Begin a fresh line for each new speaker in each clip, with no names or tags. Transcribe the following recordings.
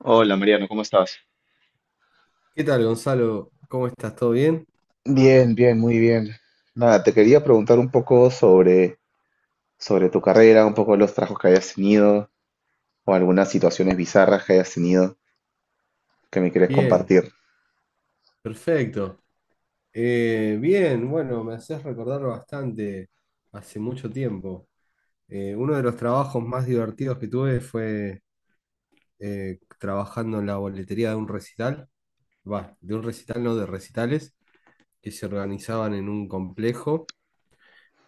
Hola Mariano, ¿cómo estás?
¿Qué tal, Gonzalo? ¿Cómo estás? ¿Todo bien?
Bien, nada, te quería preguntar algo sobre tu carrera, un poco los trabajos que hayas tenido o algunas situaciones bizarras que hayas tenido que me quieres
Bien,
compartir.
perfecto. Bien, bueno, me haces recordar bastante hace mucho tiempo. Uno de los trabajos más divertidos que tuve fue trabajando en la boletería de un recital, va, de un recital, no de recitales, que se organizaban en un complejo,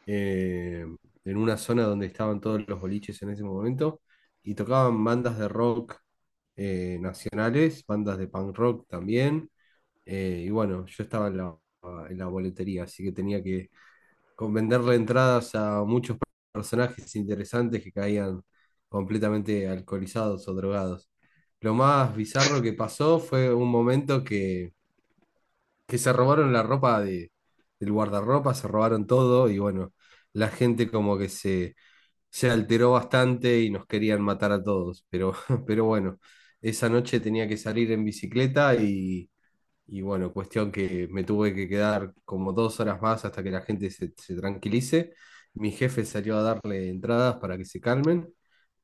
eh, en una zona donde estaban todos los boliches en ese momento, y tocaban bandas de rock nacionales, bandas de punk rock también. Y bueno, yo estaba en la boletería, así que tenía que venderle entradas a muchos personajes interesantes que caían completamente alcoholizados o drogados. Lo más bizarro que pasó fue un momento que se robaron la ropa del guardarropa, se robaron todo y bueno, la gente como que se alteró bastante y nos querían matar a todos, pero, pero bueno, esa noche tenía que salir en bicicleta y... Y bueno, cuestión que me tuve que quedar como dos horas más hasta que la gente se tranquilice. Mi jefe salió a darle entradas para que se calmen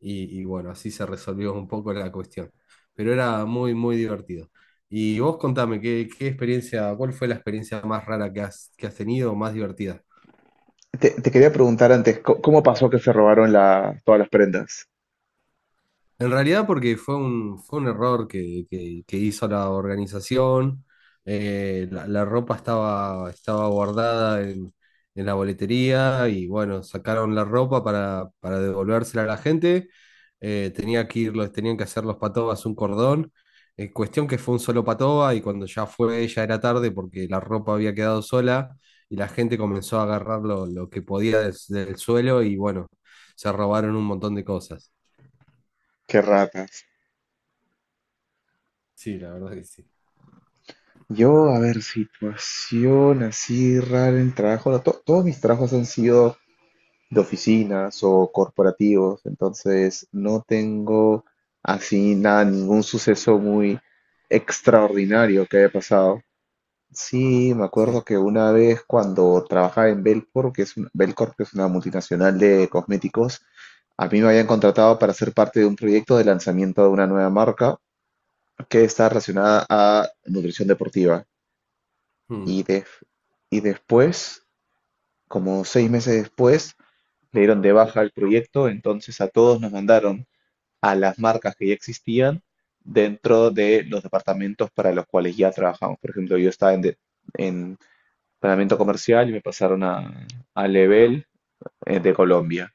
y bueno, así se resolvió un poco la cuestión. Pero era muy, muy divertido. Y vos contame, ¿qué experiencia, cuál fue la experiencia más rara que que has tenido o más divertida?
Te quería preguntar antes, ¿cómo pasó que se robaron todas las prendas?
En realidad porque fue fue un error que hizo la organización. La ropa estaba guardada en la boletería y bueno, sacaron la ropa para devolvérsela a la gente. Tenía que ir, tenían que hacer los patobas un cordón. Cuestión que fue un solo patoba y cuando ya fue ya era tarde porque la ropa había quedado sola y la gente comenzó a agarrar lo que podía del suelo y bueno, se robaron un montón de cosas.
Qué ratas.
Sí, la verdad que sí.
Yo, a ver, situación así rara en el trabajo. No, todos mis trabajos han sido de oficinas o corporativos, entonces no tengo así nada, ningún suceso muy extraordinario que haya pasado. Sí, me
Sí.
acuerdo que una vez cuando trabajaba en Belcorp, Belcorp, que es una multinacional de cosméticos, a mí me habían contratado para ser parte de un proyecto de lanzamiento de una nueva marca que está relacionada a nutrición deportiva.
Mm,
Y, de- y después, como 6 meses después, le dieron de baja el proyecto, entonces a todos nos mandaron a las marcas que ya existían dentro de los departamentos para los cuales ya trabajamos. Por ejemplo, yo estaba en planeamiento comercial y me pasaron a Level de Colombia,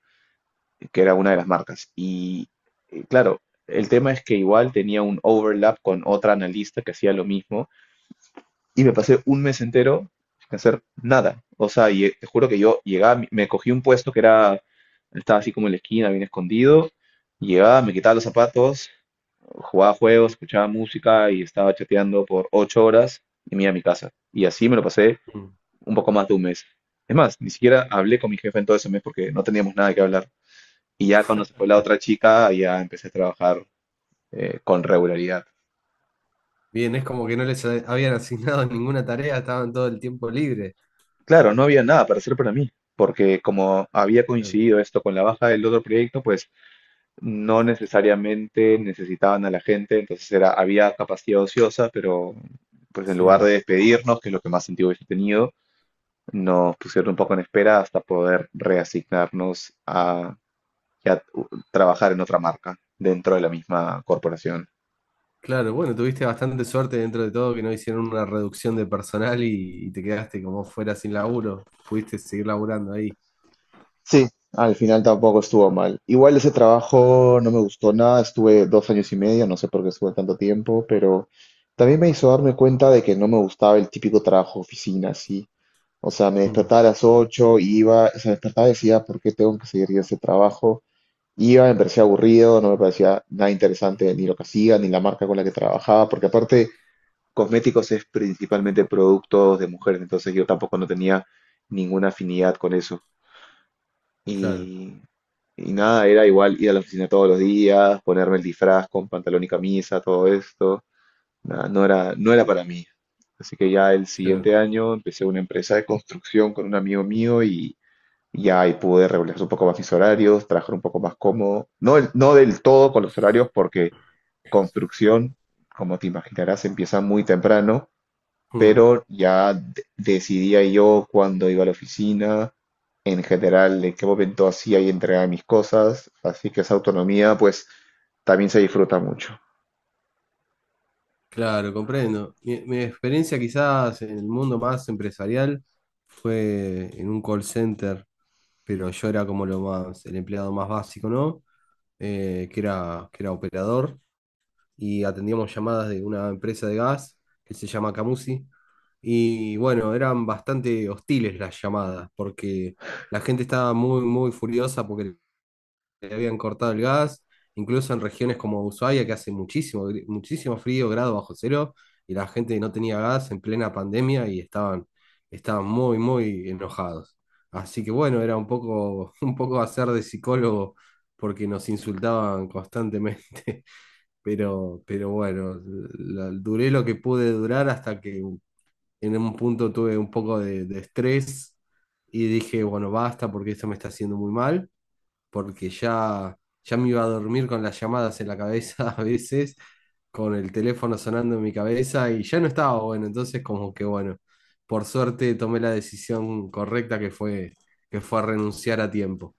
que era una de las marcas. Y claro, el tema es que igual tenía un overlap con otra analista que hacía lo mismo y me pasé un mes entero sin hacer nada. O sea, te juro que yo llegaba, me cogí un puesto que era, estaba así como en la esquina, bien escondido, llegaba, me quitaba los zapatos, jugaba juegos, escuchaba música y estaba chateando por 8 horas y me iba a mi casa. Y así me lo pasé
mm,
un poco más de un mes. Es más, ni siquiera hablé
mm.
con mi jefe en todo ese mes porque no teníamos nada que hablar. Y ya cuando se fue la otra chica, ya empecé a trabajar con regularidad.
Bien, es como que no les habían asignado ninguna tarea, estaban todo el tiempo libre.
Claro, no había nada para hacer para mí, porque como había
Claro.
coincidido esto con la baja del otro proyecto, pues no necesariamente necesitaban a la gente, entonces era, había capacidad ociosa, pero pues en lugar de
Sí.
despedirnos, que es lo que más sentido hubiese tenido, nos pusieron un poco en espera hasta poder reasignarnos a trabajar en otra marca dentro de la misma corporación.
Claro, bueno, tuviste bastante suerte dentro de todo que no hicieron una reducción de personal y te quedaste como fuera sin laburo. Pudiste seguir laburando ahí.
Sí, al final tampoco estuvo mal. Igual ese trabajo no me gustó nada, estuve 2 años y medio, no sé por qué estuve tanto tiempo, pero también me hizo darme cuenta de que no me gustaba el típico trabajo oficina, así. O sea, me
Mm.
despertaba a las 8, iba, se despertaba y decía, ¿por qué tengo que seguir yo ese trabajo? Iba, me parecía aburrido, no me parecía nada interesante ni lo que hacía, ni la marca con la que trabajaba, porque aparte cosméticos es principalmente productos de mujeres, entonces yo tampoco no tenía ninguna afinidad con eso.
Claro,
Y, y nada, era igual ir a la oficina todos los días, ponerme el disfraz con pantalón y camisa, todo esto. Nada, no era para mí. Así que ya el siguiente
claro.
año empecé una empresa de construcción con un amigo mío y ahí pude regular un poco más mis horarios, trabajar un poco más cómodo. No, no del todo con los horarios, porque construcción, como te imaginarás, empieza muy temprano,
Mm.
pero decidía yo cuándo iba a la oficina, en general, en qué momento hacía y entregaba mis cosas. Así que esa autonomía, pues, también se disfruta mucho.
Claro, comprendo. Mi experiencia quizás en el mundo más empresarial fue en un call center, pero yo era como lo más, el empleado más básico, ¿no? Que era operador, y atendíamos llamadas de una empresa de gas que se llama Camusi. Y bueno, eran bastante hostiles las llamadas, porque la gente estaba muy, muy furiosa porque le habían cortado el gas, incluso en regiones como Ushuaia, que hace muchísimo, muchísimo frío, grado bajo cero, y la gente no tenía gas en plena pandemia y estaban muy, muy enojados. Así que bueno, era un poco, un poco hacer de psicólogo porque nos insultaban constantemente, pero bueno, duré lo que pude durar hasta que en un punto tuve un poco de estrés y dije, bueno, basta porque esto me está haciendo muy mal porque ya, ya me iba a dormir con las llamadas en la cabeza a veces, con el teléfono sonando en mi cabeza y ya no estaba bueno, entonces como que bueno, por suerte tomé la decisión correcta que fue renunciar a tiempo.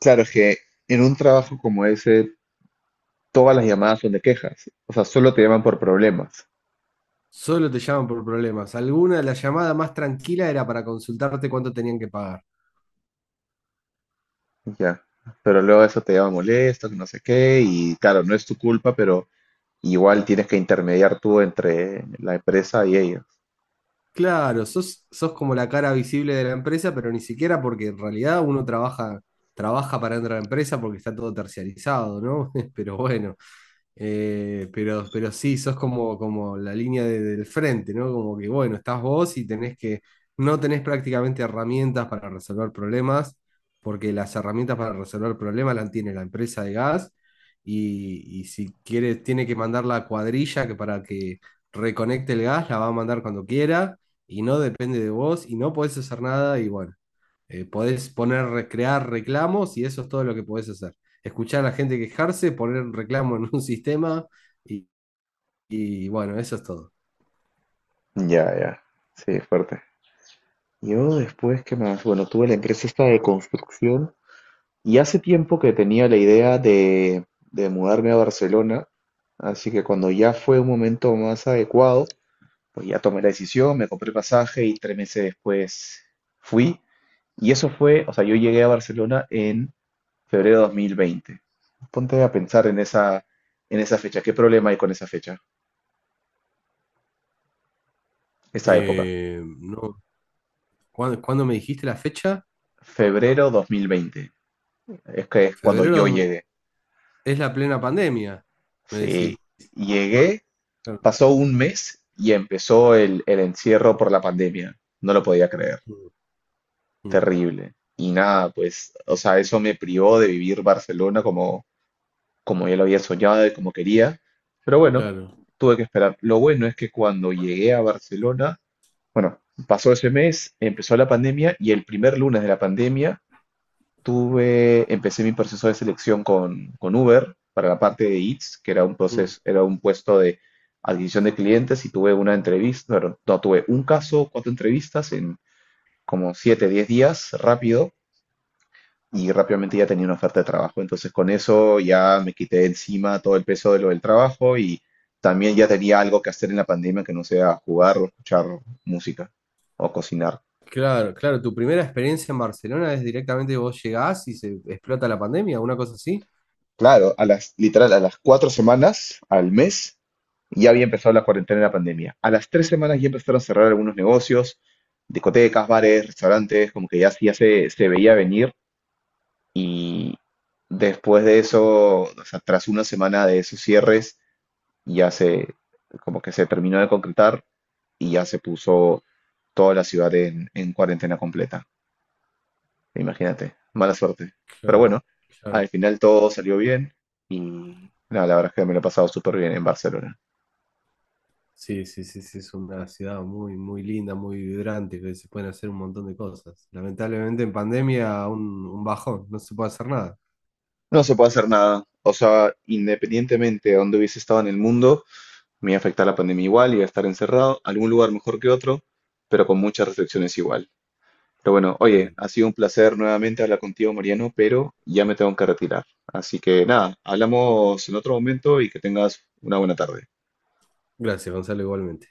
Claro, es que en un trabajo como ese, todas las llamadas son de quejas. O sea, solo te llaman por problemas.
Solo te llaman por problemas. Alguna de las llamadas más tranquila era para consultarte cuánto tenían que pagar.
Ya, pero luego eso te lleva molesto, que no sé qué, y claro, no es tu culpa, pero igual tienes que intermediar tú entre la empresa y ellos.
Claro, sos como la cara visible de la empresa, pero ni siquiera porque en realidad uno trabaja para entrar a la empresa porque está todo terciarizado, ¿no? Pero bueno. Pero sí, sos como, como la línea del frente, ¿no? Como que, bueno, estás vos y tenés que, no tenés prácticamente herramientas para resolver problemas, porque las herramientas para resolver problemas las tiene la empresa de gas y si quiere, tiene que mandar la cuadrilla que para que reconecte el gas, la va a mandar cuando quiera y no depende de vos y no podés hacer nada y bueno. Podés poner, recrear reclamos y eso es todo lo que podés hacer. Escuchar a la gente quejarse, poner un reclamo en un sistema y, y bueno, eso es todo.
Ya, ya, sí, fuerte. Yo después, ¿qué más? Bueno, tuve la empresa esta de construcción y hace tiempo que tenía la idea de mudarme a Barcelona, así que cuando ya fue un momento más adecuado, pues ya tomé la decisión, me compré pasaje y 3 meses después fui. Y eso fue, o sea, yo llegué a Barcelona en febrero 2020. Ponte a pensar en en esa fecha. ¿Qué problema hay con esa fecha? Esa época.
No, ¿cuándo me dijiste la fecha?
Febrero 2020. Es que es cuando
Febrero
yo
mil
llegué.
es la plena pandemia, me
Sí,
decís.
llegué,
Claro,
pasó un mes y empezó el encierro por la pandemia. No lo podía creer.
mm, mm,
Terrible. Y nada, pues, o sea, eso me privó de vivir Barcelona como, como yo lo había soñado y como quería. Pero bueno,
claro,
tuve que esperar. Lo bueno es que cuando llegué a Barcelona, bueno, pasó ese mes, empezó la pandemia y el primer lunes de la pandemia empecé mi proceso de selección con Uber para la parte de Eats, que era un
mm.
proceso, era un puesto de adquisición de clientes y tuve una entrevista, bueno, no, tuve un caso, 4 entrevistas en como 7, 10 días rápido y rápidamente ya tenía una oferta de trabajo. Entonces con eso ya me quité de encima todo el peso de lo del trabajo y también ya tenía algo que hacer en la pandemia que no sea jugar o escuchar música o cocinar.
Claro, claro, tu primera experiencia en Barcelona es directamente vos llegás y se explota la pandemia, una cosa así.
Claro, a las, literal, a las 4 semanas, al mes, ya había empezado la cuarentena y la pandemia. A las 3 semanas ya empezaron a cerrar algunos negocios, discotecas, bares, restaurantes, como que ya se veía venir. Y después de eso, o sea, tras una semana de esos cierres, ya se, como que se terminó de concretar y ya se puso toda la ciudad en cuarentena completa. Imagínate, mala suerte. Pero
Claro,
bueno,
claro.
al final todo salió bien y nada, la verdad es que me lo he pasado súper bien en Barcelona.
Sí, sí, sí, sí, es una ciudad muy, muy linda, muy vibrante, que se pueden hacer un montón de cosas. Lamentablemente en pandemia un bajón, no se puede hacer nada.
No se puede hacer nada. O sea, independientemente de dónde hubiese estado en el mundo, me iba a afectar la pandemia igual, iba a estar encerrado, algún lugar mejor que otro, pero con muchas restricciones igual. Pero bueno, oye,
Mm.
ha sido un placer nuevamente hablar contigo, Mariano, pero ya me tengo que retirar. Así que nada, hablamos en otro momento y que tengas una buena tarde.
Gracias, Gonzalo, igualmente.